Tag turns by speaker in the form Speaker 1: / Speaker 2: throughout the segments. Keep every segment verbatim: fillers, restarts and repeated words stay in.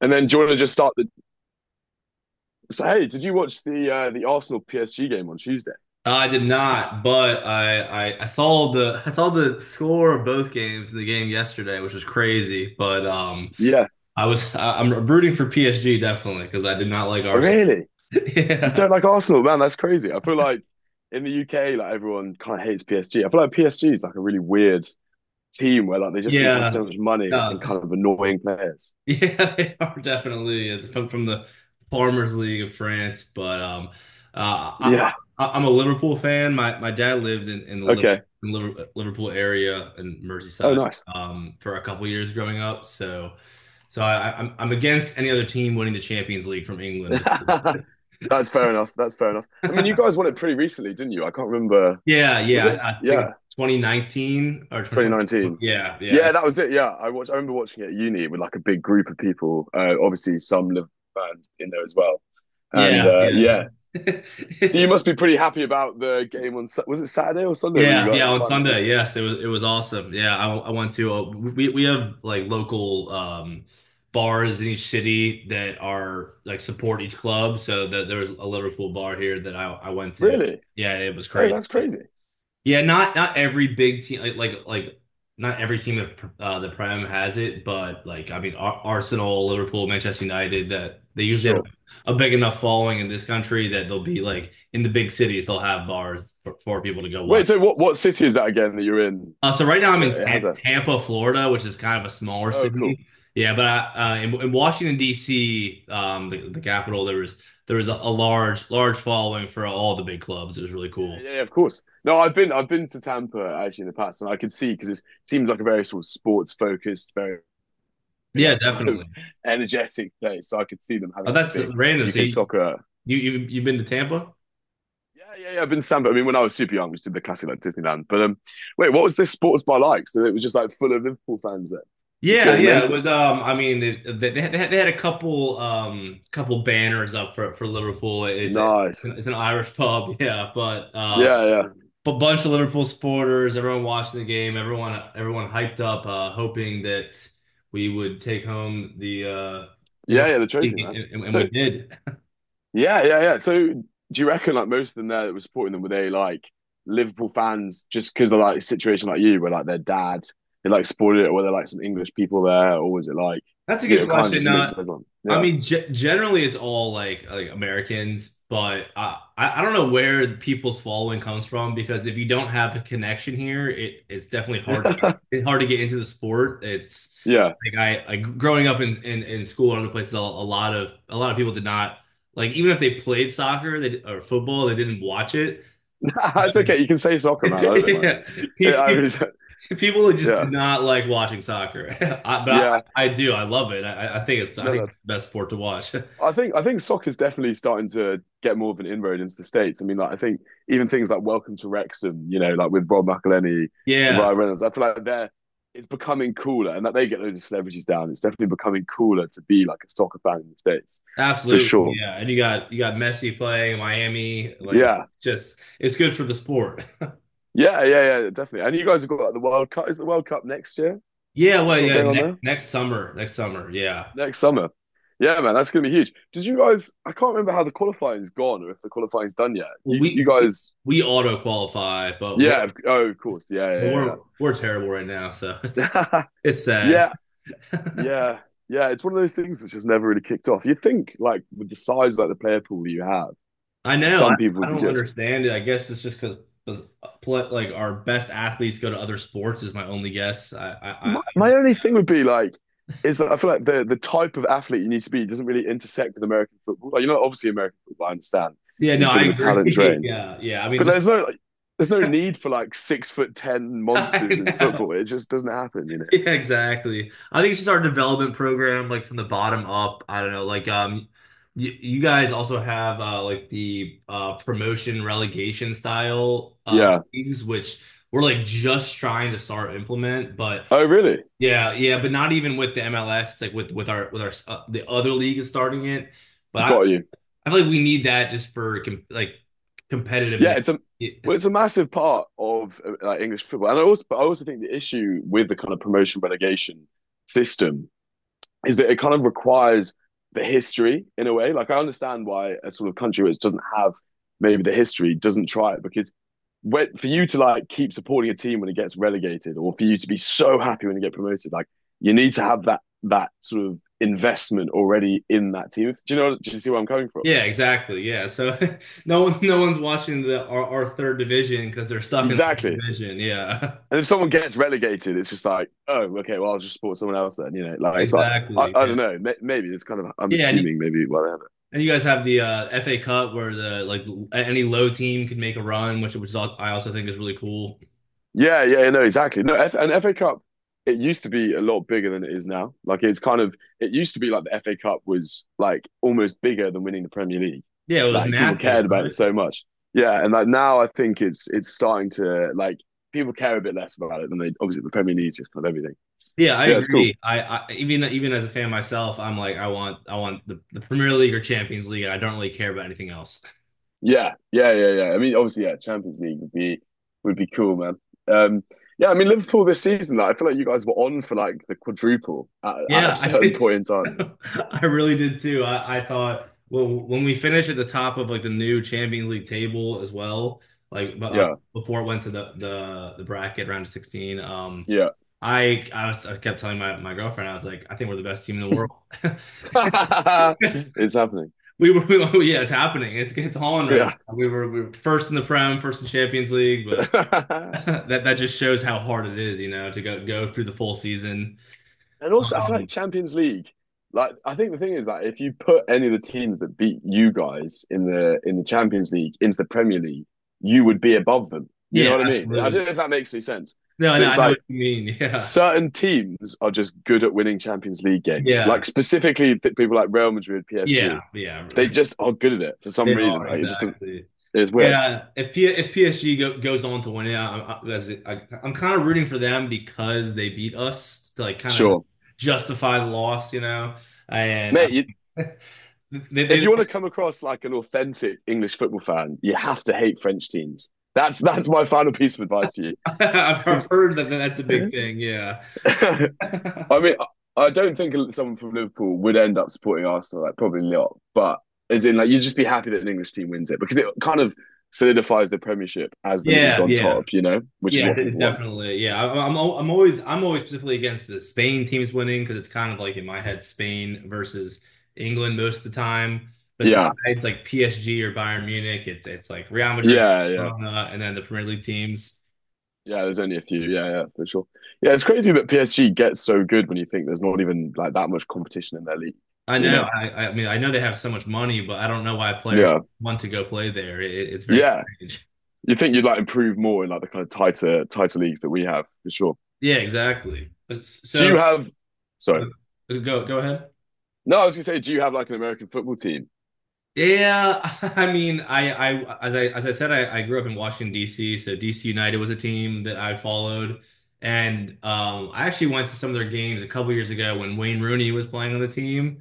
Speaker 1: And then do you want to just start the say, hey, did you watch the uh, the Arsenal P S G game on Tuesday?
Speaker 2: I did not, but I, I I saw the I saw the score of both games in the game yesterday, which was crazy. But um,
Speaker 1: Yeah.
Speaker 2: I was I, I'm rooting for P S G definitely because I did not like
Speaker 1: Oh,
Speaker 2: Arsenal.
Speaker 1: really? You
Speaker 2: Yeah,
Speaker 1: don't like Arsenal, man? That's crazy. I feel like in the U K, like everyone kind of hates P S G. I feel like P S G is like a really weird team where like they just seem to have
Speaker 2: yeah.
Speaker 1: so much money and
Speaker 2: No.
Speaker 1: kind of annoying players.
Speaker 2: Yeah, they are definitely uh, from from the Farmers League of France. But um, uh, I,
Speaker 1: Yeah.
Speaker 2: I, I'm a Liverpool fan. My my dad lived in, in the Liv-
Speaker 1: Okay.
Speaker 2: in Liver- Liverpool area in
Speaker 1: Oh,
Speaker 2: Merseyside
Speaker 1: nice.
Speaker 2: um, for a couple years growing up. So so I, I- I'm I'm against any other team winning the Champions League from England.
Speaker 1: That's fair enough. That's fair enough. I mean, you guys won it pretty recently, didn't you? I can't remember.
Speaker 2: Yeah,
Speaker 1: Was
Speaker 2: yeah,
Speaker 1: it?
Speaker 2: I, I think
Speaker 1: Yeah.
Speaker 2: twenty nineteen or two thousand twenty.
Speaker 1: twenty nineteen.
Speaker 2: Yeah, yeah,
Speaker 1: Yeah, that was it. Yeah, I watched. I remember watching it at uni with like a big group of people. Uh, obviously, some Liverpool fans in there as well. And
Speaker 2: yeah,
Speaker 1: uh,
Speaker 2: yeah.
Speaker 1: yeah, so
Speaker 2: It.
Speaker 1: you must be pretty happy about the game on. Sa- Was it Saturday or Sunday? Were you
Speaker 2: Yeah, yeah,
Speaker 1: guys
Speaker 2: on
Speaker 1: finally?
Speaker 2: Sunday. Yes, it was it was awesome. Yeah, I, I went to uh, we we have like local um bars in each city that are like support each club. So that there was a Liverpool bar here that I I went to.
Speaker 1: Really?
Speaker 2: Yeah, it was
Speaker 1: Oh,
Speaker 2: crazy.
Speaker 1: that's crazy.
Speaker 2: Yeah, not not every big team like like like not every team that uh, the Prem has it, but like I mean Ar Arsenal, Liverpool, Manchester United that they usually have
Speaker 1: Sure.
Speaker 2: a big enough following in this country that they'll be like in the big cities they'll have bars for, for people to go watch.
Speaker 1: Wait. So what? What city is that again that you're in?
Speaker 2: Uh, so right now I'm
Speaker 1: That
Speaker 2: in
Speaker 1: it has
Speaker 2: Tam-
Speaker 1: a.
Speaker 2: Tampa, Florida, which is kind of a smaller
Speaker 1: Oh, cool.
Speaker 2: city. Yeah, but I, uh, in, in Washington D C, um, the, the capital, there was there was a, a large large following for all the big clubs. It was really
Speaker 1: Yeah,
Speaker 2: cool.
Speaker 1: yeah, yeah, of course. No, I've been I've been to Tampa actually in the past, and I could see because it seems like a very sort of sports focused, very
Speaker 2: Yeah,
Speaker 1: like kind
Speaker 2: definitely.
Speaker 1: of energetic place. So I could see them having
Speaker 2: Oh,
Speaker 1: like a
Speaker 2: that's
Speaker 1: big
Speaker 2: random. So
Speaker 1: U K
Speaker 2: you
Speaker 1: soccer.
Speaker 2: you you you've been to Tampa?
Speaker 1: Yeah, yeah, yeah. I've been to Sandpit. I mean, when I was super young, we just did the classic like Disneyland. But um, Wait, what was this sports bar like? So it was just like full of Liverpool fans there, just
Speaker 2: Yeah,
Speaker 1: going
Speaker 2: yeah.
Speaker 1: mental.
Speaker 2: With um, I mean, it, they they had, they had a couple um couple banners up for for Liverpool. It's a,
Speaker 1: Nice.
Speaker 2: it's an Irish pub, yeah. But um,
Speaker 1: Yeah, yeah,
Speaker 2: but bunch of Liverpool supporters, everyone watching the game, everyone everyone hyped up, uh, hoping that we would take home the uh, take
Speaker 1: yeah,
Speaker 2: home,
Speaker 1: yeah. The trophy, man.
Speaker 2: and, and we
Speaker 1: So
Speaker 2: did.
Speaker 1: yeah, yeah, yeah. So do you reckon like most of them there that were supporting them were they like Liverpool fans just because of like a situation like you, where like their dad they like supported it, or were there like some English people there, or was it like
Speaker 2: That's a
Speaker 1: you
Speaker 2: good
Speaker 1: know kind of
Speaker 2: question.
Speaker 1: just a mix
Speaker 2: Uh,
Speaker 1: of everyone?
Speaker 2: I mean, ge- generally it's all like, like Americans, but I, I I don't know where the people's following comes from because if you don't have a connection here, it it's definitely hard to get,
Speaker 1: Yeah.
Speaker 2: it's hard to get into the sport. It's
Speaker 1: Yeah,
Speaker 2: like I like growing up in in, in school and other places, a, a lot of a lot of people did not like even if they played soccer they, or football, they didn't watch it.
Speaker 1: it's okay. You can say soccer, man. I don't mind.
Speaker 2: Yeah.
Speaker 1: Yeah, I
Speaker 2: Pe-
Speaker 1: mean,
Speaker 2: People that just
Speaker 1: yeah,
Speaker 2: did not like watching soccer, I, but I,
Speaker 1: yeah.
Speaker 2: I do. I love it. I, I think it's I
Speaker 1: No,
Speaker 2: think it's
Speaker 1: that's.
Speaker 2: the best sport to watch.
Speaker 1: I think I think soccer is definitely starting to get more of an inroad into the states. I mean, like I think even things like Welcome to Wrexham, you know, like with Rob McElhenney and
Speaker 2: Yeah,
Speaker 1: Ryan Reynolds. I feel like they're it's becoming cooler, and that they get loads of celebrities down. It's definitely becoming cooler to be like a soccer fan in the states, for
Speaker 2: absolutely.
Speaker 1: sure.
Speaker 2: Yeah, and you got you got Messi playing Miami. Like,
Speaker 1: Yeah,
Speaker 2: just it's good for the sport.
Speaker 1: yeah, yeah, yeah, definitely. And you guys have got like the World Cup. Is the World Cup next year?
Speaker 2: Yeah,
Speaker 1: You've
Speaker 2: well,
Speaker 1: got
Speaker 2: yeah.
Speaker 1: going on
Speaker 2: Next
Speaker 1: there.
Speaker 2: next summer, next summer. Yeah,
Speaker 1: Next summer. Yeah, man, that's gonna be huge. Did you guys? I can't remember how the qualifying's gone or if the qualifying's done yet.
Speaker 2: well,
Speaker 1: You, you
Speaker 2: we we,
Speaker 1: guys?
Speaker 2: we auto qualify, but we're
Speaker 1: Yeah. of- Oh, of course.
Speaker 2: but
Speaker 1: Yeah,
Speaker 2: we're we're terrible right now, so it's
Speaker 1: yeah, yeah,
Speaker 2: it's sad.
Speaker 1: yeah, yeah, yeah. It's one of those things that's just never really kicked off. You'd think, like, with the size like the player pool you have,
Speaker 2: I know. I,
Speaker 1: some people
Speaker 2: I
Speaker 1: would be
Speaker 2: don't
Speaker 1: good.
Speaker 2: understand it. I guess it's just because like our best athletes go to other sports is my only guess. I, I, I, I
Speaker 1: My, my
Speaker 2: don't-
Speaker 1: only thing would be like, is that I feel like the the type of athlete you need to be doesn't really intersect with American football. Like, you know, obviously American football, I understand,
Speaker 2: Yeah,
Speaker 1: is
Speaker 2: no,
Speaker 1: a bit
Speaker 2: I
Speaker 1: of a talent
Speaker 2: agree.
Speaker 1: drain.
Speaker 2: Yeah, yeah. I mean,
Speaker 1: But
Speaker 2: the,
Speaker 1: there's no like, there's no need for like six foot ten monsters
Speaker 2: I
Speaker 1: in
Speaker 2: know.
Speaker 1: football. It just doesn't happen, you know.
Speaker 2: Yeah, exactly. I think it's just our development program, like from the bottom up. I don't know. Like, um, you, you guys also have uh like the uh promotion relegation style uh
Speaker 1: Yeah.
Speaker 2: leagues, which we're like just trying to start implement, but.
Speaker 1: Oh, really?
Speaker 2: Yeah, yeah, but not even with the M L S. It's like with with our with our uh, the other league is starting it, but I,
Speaker 1: Got you.
Speaker 2: I feel like we need that just for com like
Speaker 1: Yeah,
Speaker 2: competitiveness.
Speaker 1: it's a
Speaker 2: Y-
Speaker 1: well, it's a massive part of uh, like English football, and I also but I also think the issue with the kind of promotion relegation system is that it kind of requires the history in a way. Like I understand why a sort of country which doesn't have maybe the history doesn't try it because when, for you to like keep supporting a team when it gets relegated or for you to be so happy when you get promoted, like you need to have that that sort of investment already in that team. Do you know? Do you see where I'm coming from?
Speaker 2: Yeah, exactly. Yeah, so no one no one's watching the our, our third division because they're stuck in the third
Speaker 1: Exactly.
Speaker 2: division. Yeah,
Speaker 1: And if someone gets relegated, it's just like, oh, okay, well, I'll just support someone else then. You know, like it's like I,
Speaker 2: exactly.
Speaker 1: I
Speaker 2: Yeah,
Speaker 1: don't know. Maybe it's kind of I'm
Speaker 2: yeah, and you,
Speaker 1: assuming maybe whatever.
Speaker 2: and you guys have the uh, F A Cup where the like l- any low team could make a run, which which is all, I also think is really cool.
Speaker 1: Yeah, yeah, no, exactly. No, F and F A Cup, it used to be a lot bigger than it is now. Like it's kind of it used to be like the F A Cup was like almost bigger than winning the Premier League.
Speaker 2: Yeah, it was
Speaker 1: Like people
Speaker 2: massive,
Speaker 1: cared about
Speaker 2: right?
Speaker 1: it so much. Yeah, and like now I think it's it's starting to like people care a bit less about it than they obviously the Premier League is just kind of everything.
Speaker 2: Yeah, I
Speaker 1: But yeah, it's cool.
Speaker 2: agree. I, I even even as a fan myself, I'm like, I want I want the, the Premier League or Champions League, and I don't really care about anything else.
Speaker 1: Yeah, yeah, yeah, yeah. I mean, obviously, yeah, Champions League would be would be cool, man. Um, yeah, I mean Liverpool this season, like, I feel like you guys were on for like the quadruple at, at a
Speaker 2: Yeah, I
Speaker 1: certain
Speaker 2: did, too.
Speaker 1: point in time.
Speaker 2: I really did too. I, I thought well when we finished at the top of like the new Champions League table as well, like bu- uh,
Speaker 1: Yeah,
Speaker 2: before it went to the the the bracket round of sixteen, um,
Speaker 1: yeah.
Speaker 2: I I, was, I kept telling my, my girlfriend. I was like, I think we're the best team in the world. Yes,
Speaker 1: It's happening.
Speaker 2: we were. We, yeah, it's happening. It's it's on right
Speaker 1: Yeah.
Speaker 2: now. We were, we were first in the Prem, first in Champions League, but that that just shows how hard it is, you know, to go go through the full season.
Speaker 1: And also, I feel
Speaker 2: Um,
Speaker 1: like Champions League, like I think the thing is that if you put any of the teams that beat you guys in the in the Champions League into the Premier League, you would be above them. You know
Speaker 2: yeah,
Speaker 1: what I mean? I
Speaker 2: absolutely.
Speaker 1: don't know if that makes any sense,
Speaker 2: No, no,
Speaker 1: but it's
Speaker 2: I know what
Speaker 1: like
Speaker 2: you mean.
Speaker 1: certain teams are just good at winning Champions League games.
Speaker 2: Yeah,
Speaker 1: Like specifically th- people like Real Madrid, P S G,
Speaker 2: yeah, yeah, yeah.
Speaker 1: they just are good at it for
Speaker 2: They
Speaker 1: some reason.
Speaker 2: are,
Speaker 1: Like it just
Speaker 2: exactly.
Speaker 1: it's weird.
Speaker 2: Yeah, if P- if P S G go, goes on to win it, I'm, I, as it- I, I'm kind of rooting for them because they beat us to like kind of
Speaker 1: Sure,
Speaker 2: justify the loss, you know. And I,
Speaker 1: mate. You,
Speaker 2: they,
Speaker 1: if
Speaker 2: they,
Speaker 1: you want to come across like an authentic English football fan, you have to hate French teams. That's that's my final piece of advice to
Speaker 2: I've heard that that's a big
Speaker 1: you.
Speaker 2: thing. Yeah,
Speaker 1: I mean, I don't think someone from Liverpool would end up supporting Arsenal. Like probably not, but as in like you'd just be happy that an English team wins it because it kind of solidifies the Premiership as the league
Speaker 2: yeah,
Speaker 1: on
Speaker 2: yeah.
Speaker 1: top. You know, which is
Speaker 2: Yeah,
Speaker 1: what
Speaker 2: de-
Speaker 1: people want.
Speaker 2: definitely. Yeah, I- I'm al- I'm always I'm always specifically against the Spain teams winning because it's kind of like in my head Spain versus England most of the time.
Speaker 1: Yeah,
Speaker 2: Besides like P S G or Bayern Munich, it's it's like Real Madrid,
Speaker 1: yeah, yeah,
Speaker 2: Barcelona, and then the Premier League teams.
Speaker 1: yeah. There's only a few. Yeah, yeah, for sure. Yeah, it's crazy that P S G gets so good when you think there's not even like that much competition in their league.
Speaker 2: I
Speaker 1: You
Speaker 2: know.
Speaker 1: know.
Speaker 2: I I mean I know they have so much money, but I don't know why players
Speaker 1: Yeah.
Speaker 2: want to go play there. It, it's very
Speaker 1: Yeah.
Speaker 2: strange.
Speaker 1: You think you'd like improve more in like the kind of tighter tighter leagues that we have for sure.
Speaker 2: Yeah, exactly.
Speaker 1: Do
Speaker 2: So
Speaker 1: you have
Speaker 2: so,
Speaker 1: sorry.
Speaker 2: uh, go go ahead.
Speaker 1: No, I was gonna say, do you have like an American football team?
Speaker 2: Yeah, I mean, I, I, as I, as I said, I, I grew up in Washington, D C, so D C. United was a team that I followed, and um, I actually went to some of their games a couple years ago when Wayne Rooney was playing on the team,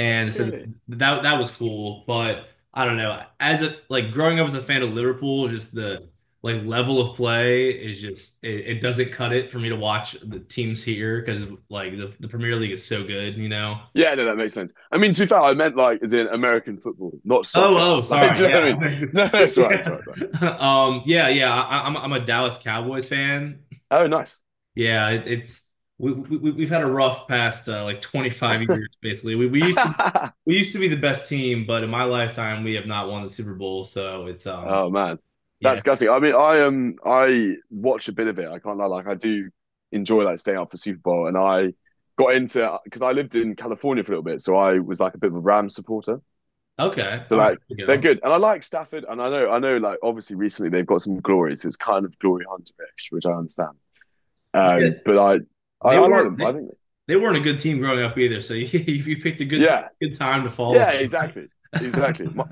Speaker 1: Oh,
Speaker 2: so
Speaker 1: really?
Speaker 2: that that was cool. But I don't know, as a like growing up as a fan of Liverpool, just the like level of play is just it, it doesn't cut it for me to watch the teams here because like the, the Premier League is so good, you know.
Speaker 1: Yeah, no, that makes sense. I mean, to be fair, I meant like as in American football, not soccer.
Speaker 2: Oh, oh,
Speaker 1: Like, do
Speaker 2: sorry.
Speaker 1: you know what I mean?
Speaker 2: Yeah.
Speaker 1: No, no, that's right, that's
Speaker 2: yeah.
Speaker 1: right, that's
Speaker 2: Um, yeah, yeah. I, I'm I'm a Dallas Cowboys fan.
Speaker 1: right. Oh, nice.
Speaker 2: Yeah, it, it's we, we we've had a rough past uh, like twenty-five years basically. We we used to we used to be the best team, but in my lifetime we have not won the Super Bowl, so it's um,
Speaker 1: Oh man,
Speaker 2: yeah.
Speaker 1: that's gutting. I mean, I um, I watch a bit of it. I can't lie, like I do enjoy like staying up for Super Bowl, and I got into because I lived in California for a little bit, so I was like a bit of a Rams supporter.
Speaker 2: Okay.
Speaker 1: So
Speaker 2: All right,
Speaker 1: like
Speaker 2: there we
Speaker 1: they're
Speaker 2: go.
Speaker 1: good, and I like Stafford, and I know I know like obviously recently they've got some glory, so it's kind of glory hunterish, which I understand.
Speaker 2: Yeah,
Speaker 1: Um, but I, I
Speaker 2: they
Speaker 1: I like
Speaker 2: weren't
Speaker 1: them. I
Speaker 2: they,
Speaker 1: think
Speaker 2: they weren't a good team growing up either, so you, you picked a good
Speaker 1: yeah,
Speaker 2: good time to follow
Speaker 1: yeah, exactly,
Speaker 2: them.
Speaker 1: exactly. My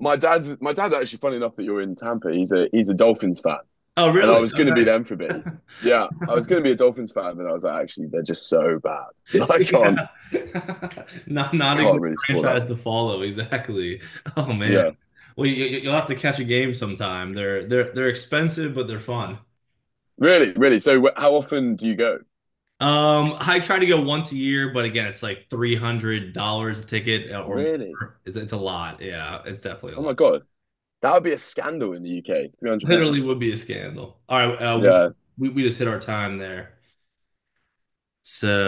Speaker 1: my dad's my dad actually. Funny enough that you're in Tampa, he's a he's a Dolphins fan,
Speaker 2: Oh,
Speaker 1: and I
Speaker 2: really?
Speaker 1: was
Speaker 2: Oh,
Speaker 1: going to be
Speaker 2: nice.
Speaker 1: them for a bit. Yeah, I was going to be a Dolphins fan, but I was like, actually, they're just so bad. I can't
Speaker 2: Yeah. Not not a
Speaker 1: can't
Speaker 2: good
Speaker 1: really support that.
Speaker 2: franchise to follow, exactly. Oh man.
Speaker 1: Yeah,
Speaker 2: Well, you, you- you'll have to catch a game sometime. They're they're they're expensive, but they're fun.
Speaker 1: really, really. So wh- how often do you go?
Speaker 2: Um, I try to go once a year, but again, it's like three hundred dollars a ticket uh, or
Speaker 1: Really?
Speaker 2: more. It's it's a lot. Yeah, it's definitely a
Speaker 1: Oh my
Speaker 2: lot.
Speaker 1: god, that would be a scandal in the U K. Three hundred
Speaker 2: Literally
Speaker 1: pounds.
Speaker 2: would be a scandal. All right, uh,
Speaker 1: Yeah.
Speaker 2: we we just hit our time there. So